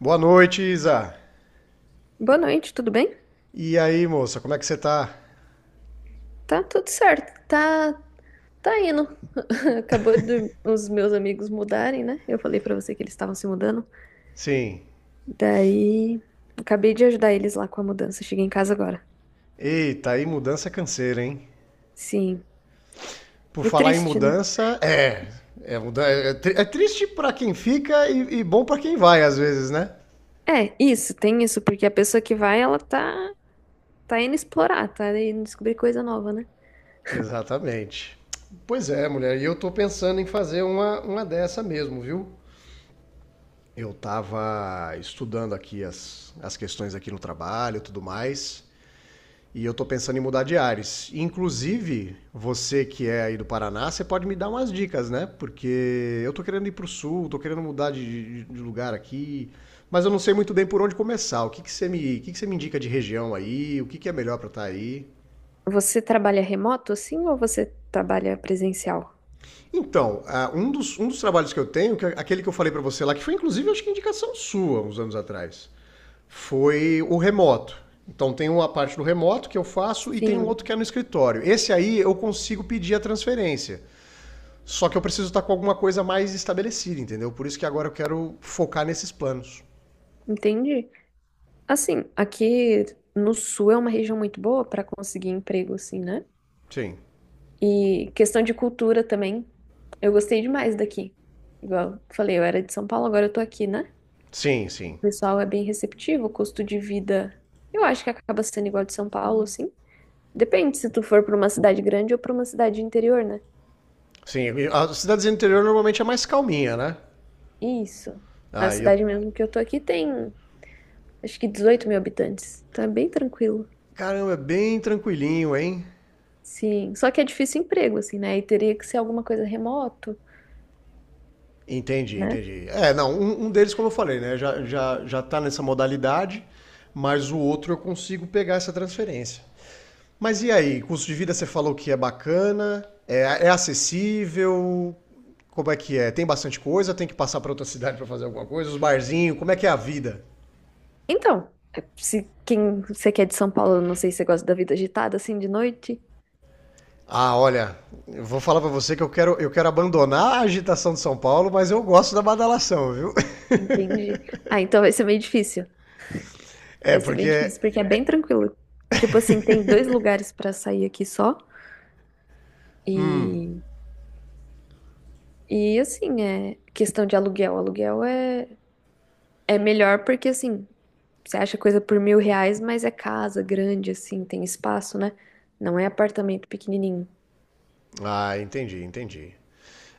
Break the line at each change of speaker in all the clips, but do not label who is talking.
Boa noite, Isa.
Boa noite, tudo bem?
E aí, moça, como é que você tá?
Tá tudo certo, tá, tá indo. Acabou de os meus amigos mudarem, né? Eu falei pra você que eles estavam se mudando.
Sim.
Daí, acabei de ajudar eles lá com a mudança. Cheguei em casa agora.
Eita, aí mudança é canseira, hein?
Sim.
Por
E
falar em
triste, né?
mudança, é. É triste pra quem fica e bom pra quem vai, às vezes, né?
É, isso, tem isso, porque a pessoa que vai, ela tá, tá indo explorar, tá indo descobrir coisa nova, né?
Exatamente. Pois é, mulher, e eu tô pensando em fazer uma dessa mesmo, viu? Eu tava estudando aqui as questões aqui no trabalho e tudo mais. E eu tô pensando em mudar de ares. Inclusive, você que é aí do Paraná, você pode me dar umas dicas, né? Porque eu tô querendo ir pro sul, tô querendo mudar de lugar aqui, mas eu não sei muito bem por onde começar. O que que você me indica de região aí? O que que é melhor pra estar aí?
Você trabalha remoto, assim, ou você trabalha presencial?
Então, ah, um dos trabalhos que eu tenho, que é aquele que eu falei pra você lá, que foi inclusive acho que indicação sua uns anos atrás, foi o remoto. Então tem uma parte do remoto que eu faço e tem um
Sim,
outro que é no escritório. Esse aí eu consigo pedir a transferência. Só que eu preciso estar com alguma coisa mais estabelecida, entendeu? Por isso que agora eu quero focar nesses planos.
entendi. Assim, aqui no sul é uma região muito boa pra conseguir emprego, assim, né?
Sim.
E questão de cultura também, eu gostei demais daqui. Igual eu falei, eu era de São Paulo, agora eu tô aqui, né?
Sim,
O
sim.
pessoal é bem receptivo, o custo de vida, eu acho que acaba sendo igual de São Paulo, assim. Depende se tu for pra uma cidade grande ou pra uma cidade de interior, né?
Sim. As cidades do interior normalmente é mais calminha, né?
Isso. A
Ah, eu.
cidade mesmo que eu tô aqui tem, acho que 18 mil habitantes, então é bem tranquilo.
Caramba, é bem tranquilinho, hein?
Sim, só que é difícil emprego, assim, né? E teria que ser alguma coisa remoto,
Entendi,
né?
entendi. É, não, um deles, como eu falei, né? Já tá nessa modalidade, mas o outro eu consigo pegar essa transferência. Mas e aí, custo de vida você falou que é bacana, é, é acessível, como é que é? Tem bastante coisa, tem que passar para outra cidade para fazer alguma coisa, os barzinhos, como é que é a vida?
Então, é, se quem você quer de São Paulo, eu não sei se você gosta da vida agitada assim de noite,
Ah, olha, eu vou falar para você que eu quero abandonar a agitação de São Paulo, mas eu gosto da badalação, viu?
entende? Ah, então vai ser meio difícil.
É
Vai ser meio
porque...
difícil porque é bem tranquilo. Tipo assim, tem dois lugares pra sair aqui só e assim, é questão de aluguel. Aluguel é melhor porque assim, você acha coisa por R$ 1.000, mas é casa grande assim, tem espaço, né? Não é apartamento pequenininho.
Ah, entendi, entendi.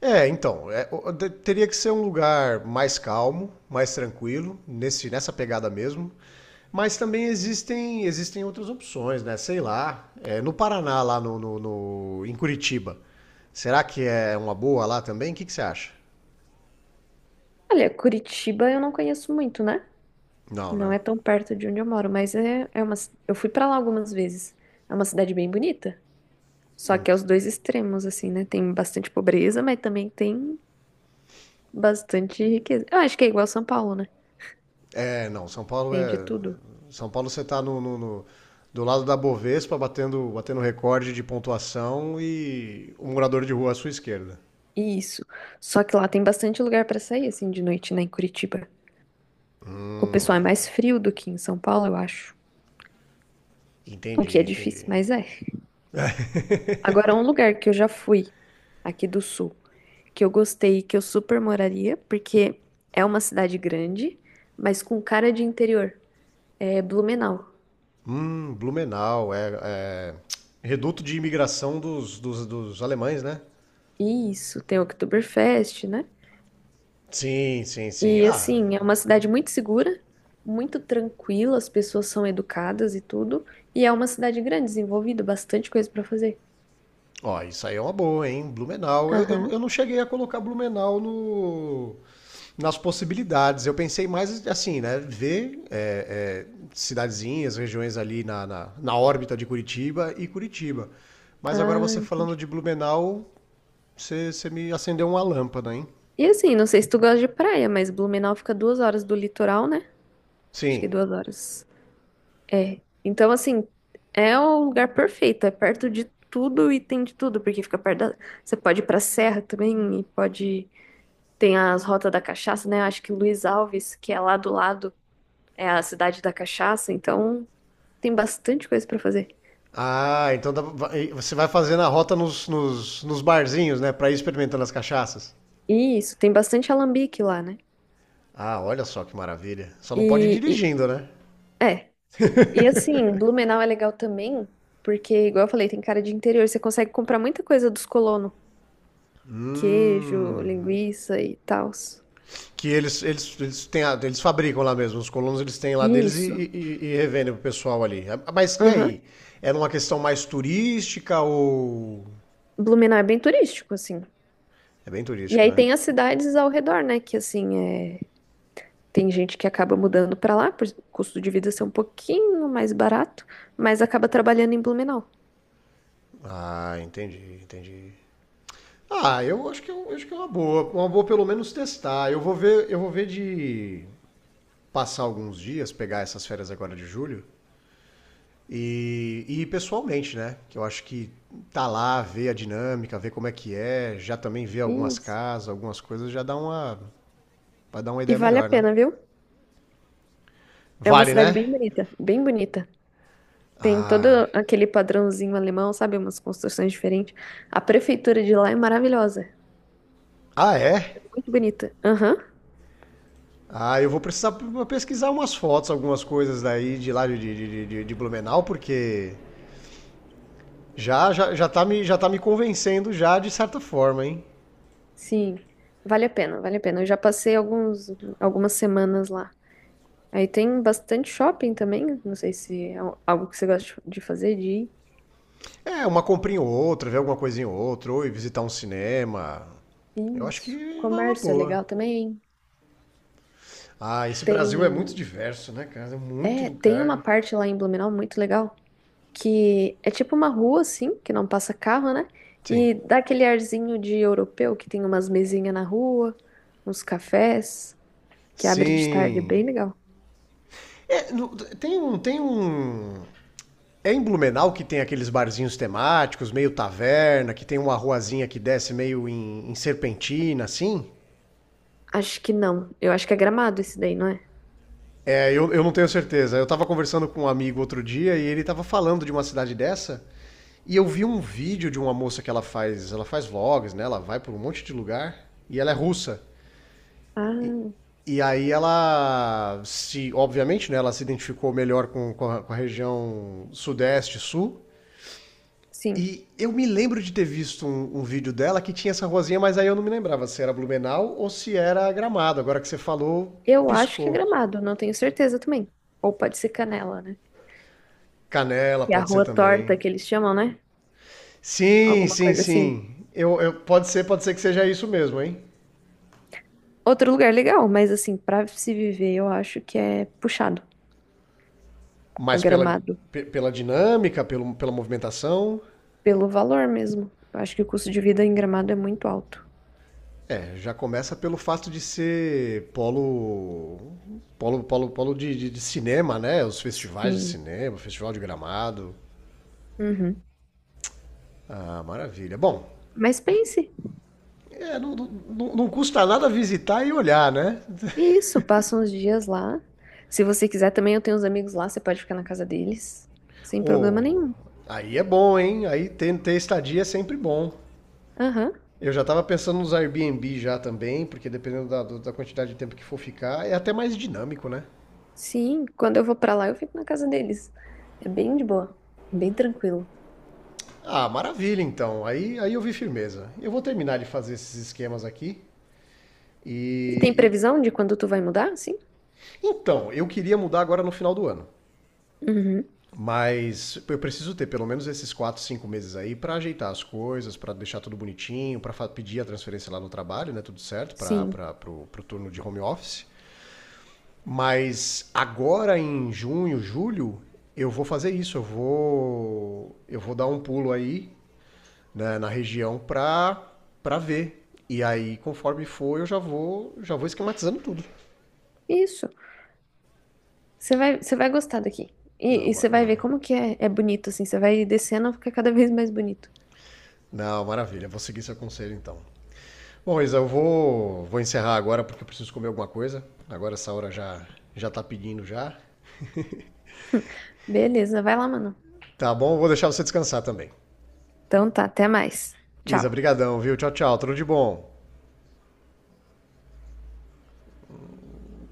É, então, é, teria que ser um lugar mais calmo, mais tranquilo, nesse, nessa pegada mesmo. Mas também existem outras opções, né? Sei lá, é, no Paraná, lá em Curitiba, será que é uma boa lá também? O que você acha?
Olha, Curitiba eu não conheço muito, né?
Não,
Não
né?
é tão perto de onde eu moro, mas é uma. Eu fui pra lá algumas vezes. É uma cidade bem bonita. Só que é os dois extremos, assim, né? Tem bastante pobreza, mas também tem bastante riqueza. Eu acho que é igual São Paulo, né?
É, não, São Paulo
Tem de
é...
tudo.
São Paulo você tá do lado da Bovespa, batendo recorde de pontuação e o morador de rua à sua esquerda.
Isso. Só que lá tem bastante lugar pra sair, assim, de noite, né? Em Curitiba. O pessoal
É.
é mais frio do que em São Paulo, eu acho. O que
Entendi,
é
entendi.
difícil, mas é. Agora, um lugar que eu já fui aqui do sul. Que eu gostei, que eu super moraria, porque é uma cidade grande, mas com cara de interior. É Blumenau.
Blumenau, é, é reduto de imigração dos alemães, né?
E isso, tem Oktoberfest, né?
Sim, sim, sim.
E
Ah,
assim, é uma cidade muito segura, muito tranquila, as pessoas são educadas e tudo, e é uma cidade grande, desenvolvida, bastante coisa pra fazer.
ó, isso aí é uma boa, hein? Blumenau. Eu, eu,
Aham.
eu não cheguei a colocar Blumenau no, nas possibilidades. Eu pensei mais assim, né? Ver é, é, cidadezinhas, regiões ali na órbita de Curitiba e Curitiba. Mas agora
Ah,
você falando
entendi.
de Blumenau, você me acendeu uma lâmpada, hein?
E assim, não sei se tu gosta de praia, mas Blumenau fica 2 horas do litoral, né? Acho que
Sim.
2 horas. É. Então, assim, é o lugar perfeito. É perto de tudo e tem de tudo, porque fica perto da... Você pode ir pra serra também e pode... Tem as rotas da cachaça, né? Acho que Luiz Alves, que é lá do lado, é a cidade da cachaça. Então, tem bastante coisa pra fazer.
Ah, então você vai fazendo a rota nos barzinhos, né? Pra ir experimentando as cachaças.
E isso, tem bastante alambique lá, né?
Ah, olha só que maravilha. Só não pode ir
E, e-
dirigindo, né?
é. E assim, Blumenau é legal também, porque, igual eu falei, tem cara de interior. Você consegue comprar muita coisa dos colonos. Queijo,
Hum.
linguiça e tal.
Que eles eles fabricam lá mesmo. Os colonos eles têm lá deles e,
Isso.
e, e- e revendem pro pessoal ali. Ah, mas e
Aham.
aí? Era uma questão mais turística ou.
Blumenau é bem turístico, assim.
É bem
E
turístico,
aí
né?
tem as cidades ao redor, né? Que assim, é... tem gente que acaba mudando pra lá, por o custo de vida ser um pouquinho mais barato, mas acaba trabalhando em Blumenau.
Ah, entendi, entendi. Ah, eu acho que, acho que é uma boa. Uma boa pelo menos testar. Eu vou ver de. Passar alguns dias, pegar essas férias agora de julho e ir pessoalmente, né? Que eu acho que tá lá, ver a dinâmica, ver como é que é, já também ver algumas
Isso.
casas, algumas coisas, já dá uma. Vai dar uma
E
ideia
vale a
melhor, né?
pena, viu? É uma
Vale,
cidade
né?
bem bonita, bem bonita. Tem todo
Ah.
aquele padrãozinho alemão, sabe? Umas construções diferentes. A prefeitura de lá é maravilhosa, é
Ah, é?
muito bonita. Aham,
Ah, eu vou precisar pesquisar umas fotos, algumas coisas daí de lá de Blumenau, porque já tá me convencendo já de certa forma, hein?
sim. Vale a pena, vale a pena. Eu já passei alguns, algumas semanas lá. Aí tem bastante shopping também. Não sei se é algo que você gosta de fazer, de
É, uma comprinha ou outra, ver alguma coisinha ou outra, ou ir visitar um cinema. Eu
ir.
acho
Isso.
que vai uma
Comércio é
boa.
legal também.
Ah, esse Brasil é muito
Tem,
diverso, né, cara? É muito
é, tem uma
lugar.
parte lá em Blumenau muito legal, que é tipo uma rua assim, que não passa carro, né?
Sim.
E dá aquele arzinho de europeu, que tem umas mesinhas na rua, uns cafés, que abre de tarde, é bem
Sim.
legal.
É, no- tem um. Tem um. É em Blumenau que tem aqueles barzinhos temáticos, meio taverna, que tem uma ruazinha que desce meio em serpentina, assim?
Acho que não. Eu acho que é Gramado esse daí, não é?
É, eu não tenho certeza. Eu tava conversando com um amigo outro dia e ele tava falando de uma cidade dessa. E eu vi um vídeo de uma moça que ela faz vlogs, né? Ela vai por um monte de lugar e ela é russa.
Ah,
E aí ela se, obviamente, né, ela se identificou melhor com a região sudeste, sul.
sim.
E eu me lembro de ter visto um vídeo dela que tinha essa rosinha, mas aí eu não me lembrava se era Blumenau ou se era Gramado. Agora que você falou,
Eu acho que é
piscou.
Gramado, não tenho certeza também. Ou pode ser Canela, né?
Canela
Que é a
pode ser
Rua
também.
Torta que eles chamam, né?
Sim,
Alguma
sim,
coisa assim.
sim. Pode ser, pode ser que seja isso mesmo, hein?
Outro lugar legal, mas assim, pra se viver, eu acho que é puxado. É
Mas pela,
Gramado.
pela dinâmica, pelo, pela movimentação,
Pelo valor mesmo. Eu acho que o custo de vida em Gramado é muito alto.
é, já começa pelo fato de ser polo polo de de cinema, né? Os festivais de
Sim.
cinema, festival de Gramado.
Uhum.
Ah, maravilha. Bom,
Mas pense,
é, custa nada visitar e olhar, né?
isso, passa uns dias lá. Se você quiser, também eu tenho uns amigos lá, você pode ficar na casa deles, sem problema
Ô,
nenhum.
aí é bom, hein? Aí ter estadia é sempre bom.
Aham.
Eu já estava pensando nos Airbnb já também, porque dependendo da quantidade de tempo que for ficar, é até mais dinâmico, né?
Sim, quando eu vou pra lá, eu fico na casa deles. É bem de boa, é bem tranquilo.
Ah, maravilha então. Aí eu vi firmeza. Eu vou terminar de fazer esses esquemas aqui. E,
E tem
e-
previsão de quando tu vai mudar? Sim.
Então, eu queria mudar agora no final do ano.
Uhum.
Mas eu preciso ter pelo menos esses 4, 5 meses aí pra ajeitar as coisas, pra deixar tudo bonitinho, pedir a transferência lá no trabalho, né? Tudo certo, para
Sim.
pro, pro turno de home office. Mas agora em junho, julho, eu vou fazer isso. Eu vou dar um pulo aí né, na região pra, pra ver. E aí, conforme for, eu já vou esquematizando tudo.
Isso. Você vai gostar daqui.
Não,
Você vai ver
maravilha.
como que é, é bonito, assim. Você vai descendo, fica cada vez mais bonito.
Não, maravilha. Vou seguir seu conselho então. Bom, Isa, eu vou encerrar agora porque eu preciso comer alguma coisa. Agora essa hora já, já tá pedindo já.
Beleza, vai lá, mano.
Tá bom, vou deixar você descansar também.
Então tá, até mais.
Isa,
Tchau.
brigadão, viu? Tchau, tchau. Tudo de bom.